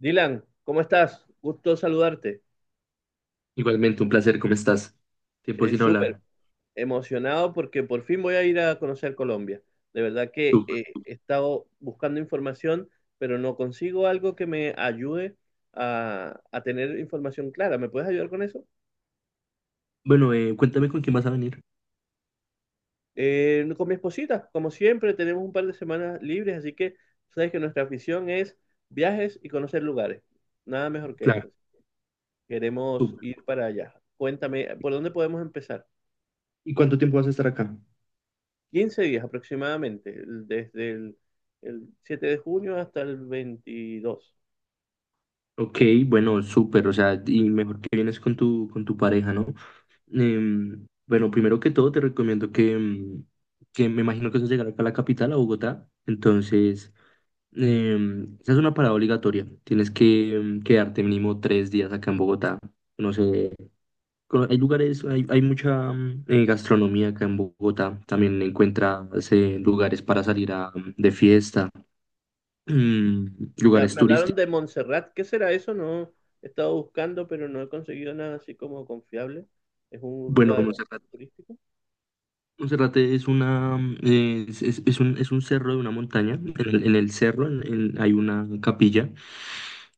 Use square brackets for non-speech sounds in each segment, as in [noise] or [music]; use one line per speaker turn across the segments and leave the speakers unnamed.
Dylan, ¿cómo estás? Gusto saludarte.
Igualmente, un placer, ¿cómo estás? Tiempo sin
Súper
hablar.
emocionado porque por fin voy a ir a conocer Colombia. De verdad que
Súper.
he estado buscando información, pero no consigo algo que me ayude a tener información clara. ¿Me puedes ayudar con eso?
Bueno, cuéntame con quién vas a venir.
Con mi esposita, como siempre, tenemos un par de semanas libres, así que sabes que nuestra afición es viajes y conocer lugares. Nada mejor que
Claro.
eso. Queremos
Súper.
ir para allá. Cuéntame, ¿por dónde podemos empezar?
¿Y cuánto tiempo vas a estar acá?
15 días aproximadamente, desde el 7 de junio hasta el 22.
Ok, bueno, súper, o sea, y mejor que vienes con tu pareja, ¿no? Bueno, primero que todo te recomiendo que me imagino que vas a llegar acá a la capital, a Bogotá, entonces, esa es una parada obligatoria, tienes que quedarte mínimo 3 días acá en Bogotá, no sé. Hay lugares, hay mucha gastronomía acá en Bogotá. También encuentras lugares para salir de fiesta, mm,
Me,
lugares
me hablaron
turísticos.
de Montserrat, ¿qué será eso? No he estado buscando, pero no he conseguido nada así como confiable. Es un
Bueno,
lugar
Monserrate.
turístico.
Monserrate es una mm, es- es un cerro de una montaña. En en el cerro hay una capilla.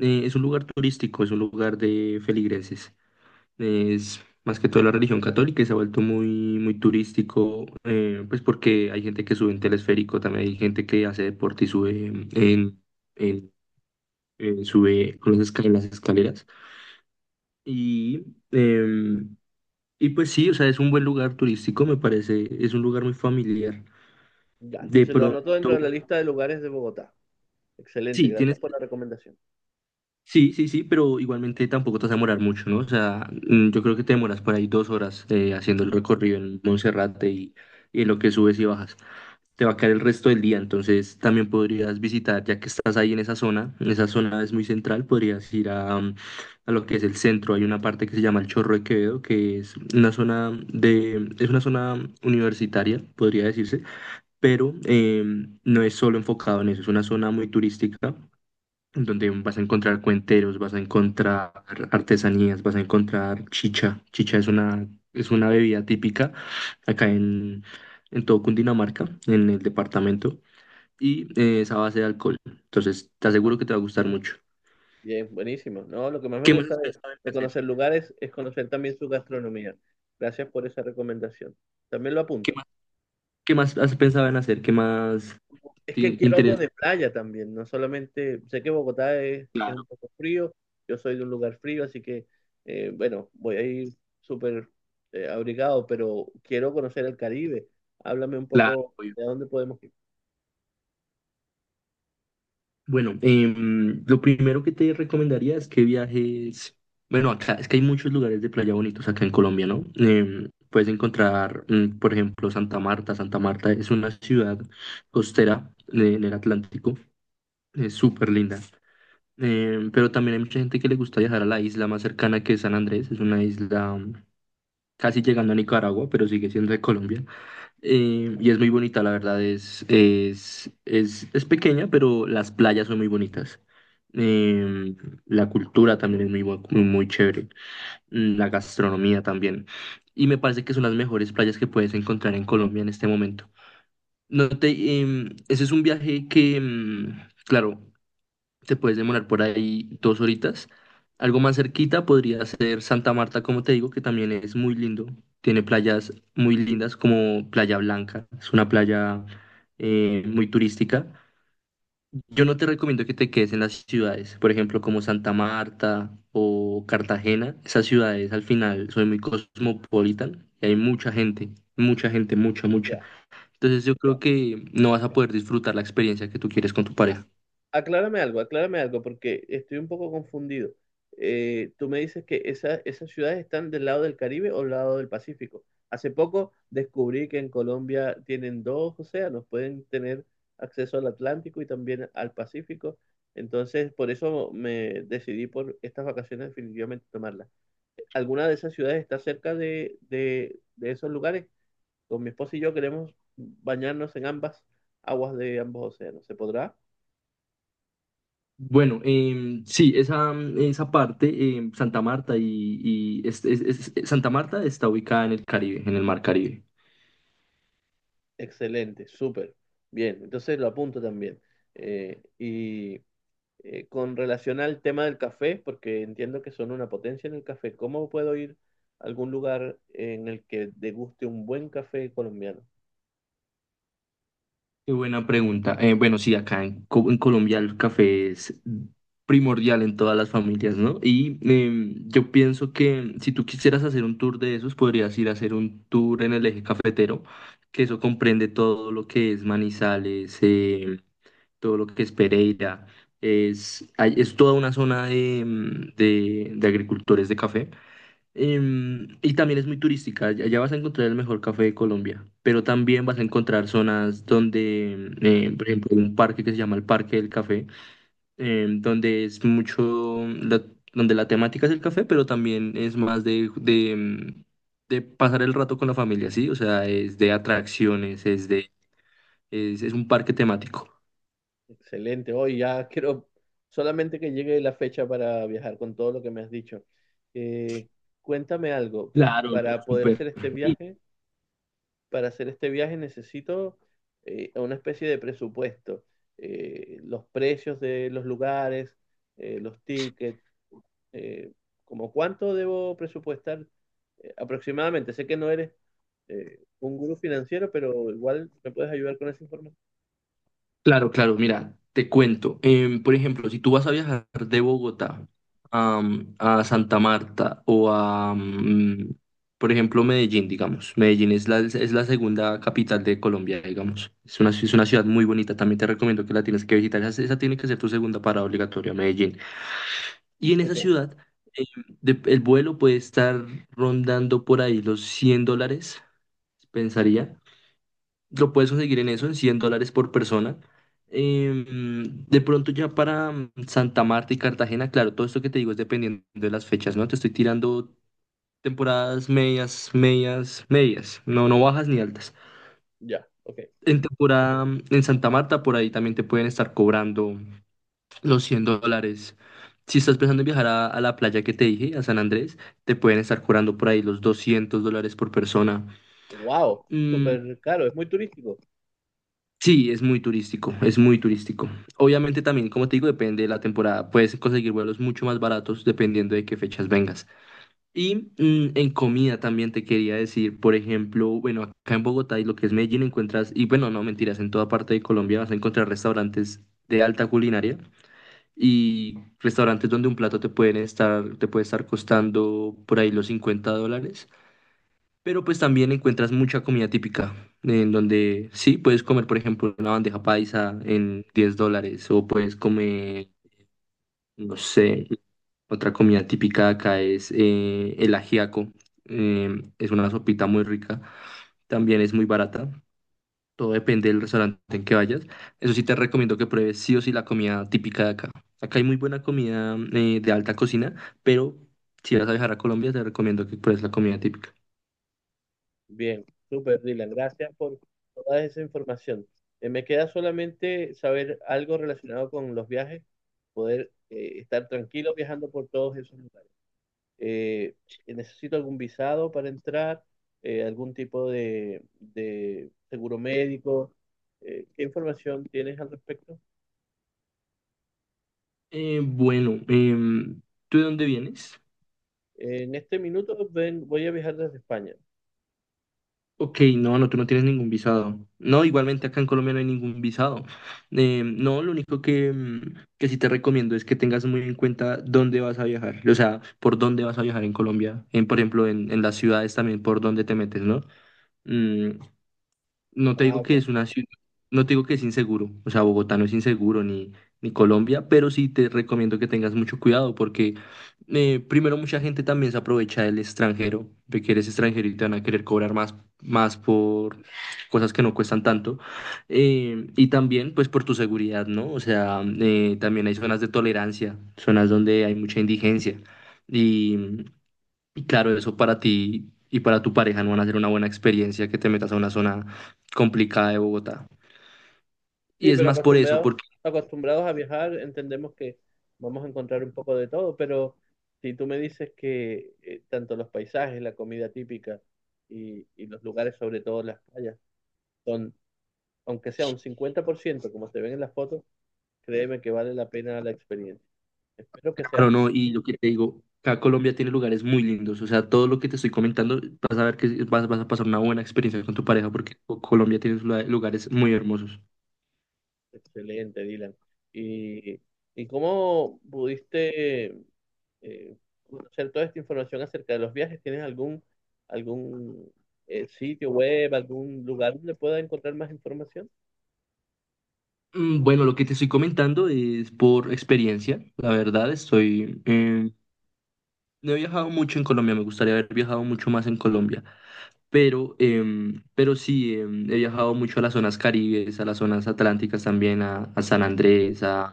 Es un lugar turístico, es un lugar de feligreses. Es más que todo la religión católica y se ha vuelto muy turístico, pues porque hay gente que sube en telesférico, también hay gente que hace deporte y sube en, en- sube con en las escaleras. Y, em, y pues sí, o sea, es un buen lugar turístico, me parece, es un lugar muy familiar.
Ya,
De
entonces lo
pronto,
anoto dentro de la lista de lugares de Bogotá. Excelente,
sí,
gracias
tienes,
por la recomendación.
sí, sí, sí, pero igualmente tampoco te vas a demorar mucho, ¿no? O sea, yo creo que te demoras por ahí 2 horas haciendo el recorrido en Monserrate y en lo que subes y bajas. Te va a caer el resto del día, entonces también podrías visitar, ya que estás ahí en esa zona es muy central, podrías ir a lo que es el centro. Hay una parte que se llama el Chorro de Quevedo, que es una zona universitaria, podría decirse, pero no es solo enfocado en eso, es una zona muy turística, donde vas a encontrar cuenteros, vas a encontrar artesanías, vas a encontrar chicha. Chicha es una bebida típica acá en todo Cundinamarca, en el departamento, y es a base de alcohol. Entonces, te
Ah,
aseguro que te va a gustar mucho.
bien, buenísimo. No, lo que más me
¿Qué más
gusta
has pensado en
de
hacer?
conocer lugares es conocer también su gastronomía. Gracias por esa recomendación. También lo
¿Qué
apunto.
más, qué más has pensado en hacer? ¿Qué más
Es que
tiene
quiero algo
interés?
de playa también, no solamente, sé que Bogotá es un
Claro,
poco frío, yo soy de un lugar frío, así que, bueno, voy a ir súper abrigado, pero quiero conocer el Caribe. Háblame un
claro.
poco de a dónde podemos ir.
Bueno, lo primero que te recomendaría es que viajes. Bueno, acá es que hay muchos lugares de playa bonitos acá en Colombia, ¿no? Puedes encontrar, por ejemplo, Santa Marta. Santa Marta es una ciudad costera en el Atlántico, es súper linda. Pero también hay mucha gente que le gusta viajar a la isla más cercana, que es San Andrés. Es una isla casi llegando a Nicaragua, pero sigue siendo de Colombia. Y es muy bonita, la verdad, es pequeña, pero las playas son muy bonitas. Eh, la cultura también es muy chévere. La gastronomía también. Y me parece que son las mejores playas que puedes encontrar en Colombia en este momento. No te, em, Ese es un viaje claro, te puedes demorar por ahí 2 horitas. Algo más cerquita podría ser Santa Marta, como te digo, que también es muy lindo. Tiene playas muy lindas como Playa Blanca. Es una playa muy turística. Yo no te recomiendo que te quedes en las ciudades, por ejemplo, como Santa Marta o Cartagena. Esas ciudades al final son muy cosmopolitan y hay mucha gente, mucha gente, mucha, mucha.
Ya.
Entonces yo creo que no vas a poder disfrutar la experiencia que tú quieres con tu pareja.
Aclárame algo, porque estoy un poco confundido. Tú me dices que esas ciudades están del lado del Caribe o del lado del Pacífico. Hace poco descubrí que en Colombia tienen dos océanos, pueden tener acceso al Atlántico y también al Pacífico. Entonces, por eso me decidí por estas vacaciones definitivamente tomarlas. ¿Alguna de esas ciudades está cerca de esos lugares? Con mi esposa y yo queremos bañarnos en ambas aguas de ambos océanos. ¿Se podrá?
Bueno, sí, esa parte, Santa Marta y es- Santa Marta está ubicada en el Caribe, en el Mar Caribe.
Excelente, súper. Bien, entonces lo apunto también. Y con relación al tema del café, porque entiendo que son una potencia en el café, ¿cómo puedo ir a algún lugar en el que deguste un buen café colombiano?
Qué buena pregunta. Bueno, sí, acá en Colombia el café es primordial en todas las familias, ¿no? Y yo pienso que si tú quisieras hacer un tour de esos, podrías ir a hacer un tour en el eje cafetero, que eso comprende todo lo que es Manizales, todo lo que es Pereira. Es toda una zona de, de agricultores de café. Y también es muy turística. Allá vas a encontrar el mejor café de Colombia, pero también vas a encontrar zonas donde, por ejemplo, un parque que se llama el Parque del Café, em, donde es mucho, la- donde la temática es el café, pero también es más de, de pasar el rato con la familia, ¿sí? O sea, es de atracciones, es de, es un parque temático.
Excelente, hoy ya [laughs] quiero solamente que llegue la fecha para viajar con todo lo que me has dicho. Eh, Cuéntame algo,
Claro, no,
para poder
súper.
hacer este viaje, para hacer este viaje necesito una especie de presupuesto, los precios de los lugares, los tickets, eh, como cuánto debo presupuestar aproximadamente. Sé que no eres un gurú financiero, pero igual me puedes ayudar con esa información.
Claro, claro, mira, te cuento. Por ejemplo, si tú vas a viajar de Bogotá a Santa Marta o por ejemplo, Medellín, digamos. Medellín es la segunda capital de Colombia, digamos. Es una ciudad muy bonita, también te recomiendo que la tienes que visitar. Esa tiene que ser tu segunda parada obligatoria, Medellín. Y en esa
Ok,
ciudad, em, el vuelo puede estar rondando por ahí los $100, pensaría. Lo puedes conseguir en eso, en $100 por persona. De pronto ya para Santa Marta y Cartagena, claro, todo esto que te digo es dependiendo de las fechas, ¿no? Te estoy tirando temporadas medias, medias, medias, no, no bajas ni altas.
ya, ok.
En temporada en Santa Marta, por ahí también te pueden estar cobrando los $100. Si estás pensando en viajar a la playa que te dije, a San Andrés, te pueden estar cobrando por ahí los $200 por persona.
Wow,
Mm,
súper caro, es muy turístico.
Sí, es muy turístico, es muy turístico. Obviamente también, como te digo, depende de la temporada. Puedes conseguir vuelos mucho más baratos dependiendo de qué fechas vengas. Y en comida también te quería decir. Por ejemplo, bueno, acá en Bogotá y lo que es Medellín encuentras, y bueno, no mentiras, en toda parte de Colombia vas a encontrar restaurantes de alta culinaria y restaurantes donde un plato te puede estar costando por ahí los $50, pero pues también encuentras mucha comida típica, en donde sí, puedes comer, por ejemplo, una bandeja paisa en $10, o puedes comer, no sé, otra comida típica de acá es el ajiaco. eh, es una sopita muy rica, también es muy barata, todo depende del restaurante en que vayas. Eso sí te recomiendo que pruebes sí o sí la comida típica de acá. Acá hay muy buena comida de alta cocina, pero si vas a viajar a Colombia, te recomiendo que pruebes la comida típica.
Bien, súper, Dylan. Gracias por toda esa información. Me queda solamente saber algo relacionado con los viajes, poder estar tranquilo viajando por todos esos lugares. Eh, Necesito algún visado para entrar, algún tipo de seguro médico. ¿Qué información tienes al respecto?
Bueno, ¿tú de dónde vienes?
En este minuto voy a viajar desde España.
Ok, no, no, tú no tienes ningún visado. No, igualmente acá en Colombia no hay ningún visado. No, lo único que, que sí te recomiendo es que tengas muy en cuenta dónde vas a viajar, o sea, por dónde vas a viajar en Colombia, por ejemplo, en las ciudades también, por dónde te metes, ¿no? Mm, No te
Ah,
digo que
ok.
es una ciudad, no te digo que es inseguro, o sea, Bogotá no es inseguro ni Colombia, pero sí te recomiendo que tengas mucho cuidado porque primero mucha gente también se aprovecha del extranjero, de que eres extranjero y te van a querer cobrar más, más por cosas que no cuestan tanto, y también pues por tu seguridad, ¿no? O sea, también hay zonas de tolerancia, zonas donde hay mucha indigencia. y... Y claro, eso para ti y para tu pareja no van a ser una buena experiencia, que te metas a una zona complicada de Bogotá. Y
Sí,
es
pero
más por eso,
acostumbrados,
porque,
acostumbrados a viajar, entendemos que vamos a encontrar un poco de todo, pero si tú me dices que tanto los paisajes, la comida típica y los lugares, sobre todo las playas, son, aunque sea un 50%, como se ven en las fotos, créeme que vale la pena la experiencia. Espero que sea
claro, no, y lo que te digo, acá Colombia tiene lugares muy lindos, o sea, todo lo que te estoy comentando, vas a ver que vas a pasar una buena experiencia con tu pareja, porque Colombia tiene lugares muy hermosos.
excelente, Dylan. ¿Y, y cómo pudiste eh, conocer toda esta información acerca de los viajes? ¿Tienes algún sitio web, algún lugar donde pueda encontrar más información?
Bueno, lo que te estoy comentando es por experiencia, la verdad. No he viajado mucho en Colombia, me gustaría haber viajado mucho más en Colombia, pero, pero sí, he viajado mucho a las zonas caribes, a las zonas atlánticas también, a San Andrés, a,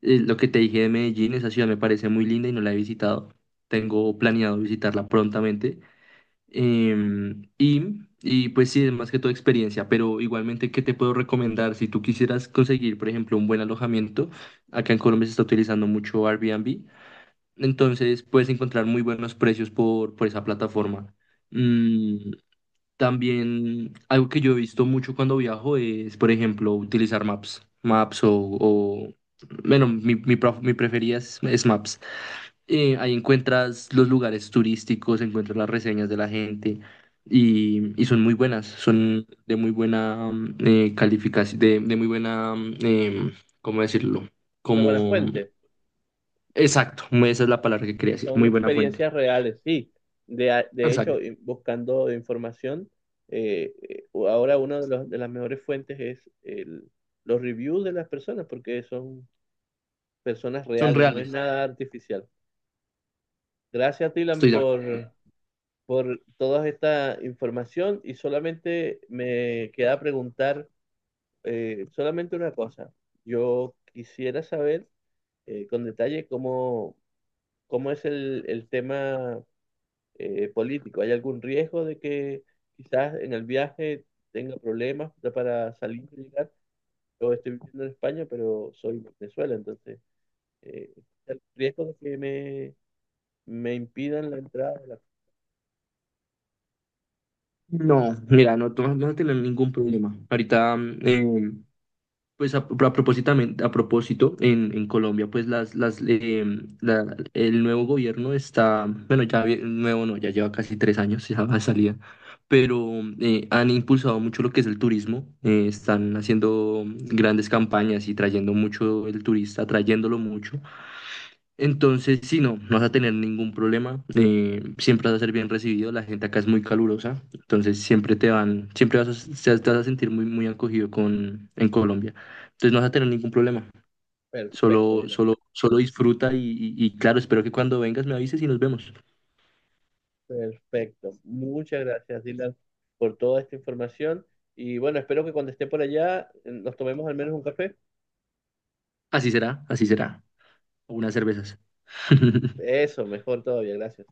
eh, lo que te dije de Medellín, esa ciudad me parece muy linda y no la he visitado. Tengo planeado visitarla prontamente. Y pues sí, es más que todo experiencia, pero igualmente, ¿qué te puedo recomendar? Si tú quisieras conseguir, por ejemplo, un buen alojamiento, acá en Colombia se está utilizando mucho Airbnb, entonces puedes encontrar muy buenos precios por esa plataforma. Mm, También algo que yo he visto mucho cuando viajo es, por ejemplo, utilizar Maps. O- bueno, mi preferida es Maps. Ahí encuentras los lugares turísticos, encuentras las reseñas de la gente y son muy buenas, son de muy buena calificación, de muy buena, eh, ¿cómo decirlo?
Una buena
Como,
fuente.
exacto, esa es la palabra que quería decir,
Son
muy buena fuente.
experiencias reales, sí. De
Exacto,
hecho, buscando información, ahora una de las mejores fuentes es los reviews de las personas, porque son personas
son
reales, no es
reales,
nada artificial. Gracias, Tilan,
estoy ya.
por toda esta información y solamente me queda preguntar. Solamente una cosa, yo quisiera saber con detalle cómo es el tema político. ¿Hay algún riesgo de que quizás en el viaje tenga problemas para salir y llegar? Yo estoy viviendo en España, pero soy de Venezuela, entonces eh, ¿hay riesgo de que me impidan la entrada?
No, mira, no, tú no vas a tener ningún problema. Ahorita, pues a propósito en Colombia, pues el nuevo gobierno está, bueno, nuevo no, ya lleva casi 3 años, [laughs] ya va a salir, pero han impulsado mucho lo que es el turismo. Están haciendo grandes campañas y trayendo mucho el turista, trayéndolo mucho. Entonces, sí, no, no vas a tener ningún problema. Siempre vas a ser bien recibido. La gente acá es muy calurosa. Entonces, siempre te vas a sentir muy, muy acogido en Colombia. Entonces, no vas a tener ningún problema.
Perfecto.
Solo, solo, solo disfruta y claro, espero que cuando vengas me avises y nos vemos.
Perfecto. Muchas gracias, Dylan, por toda esta información. Y bueno, espero que cuando esté por allá nos tomemos al menos un café.
Así será, así será. Unas cervezas. [laughs]
Eso, mejor todavía. Gracias.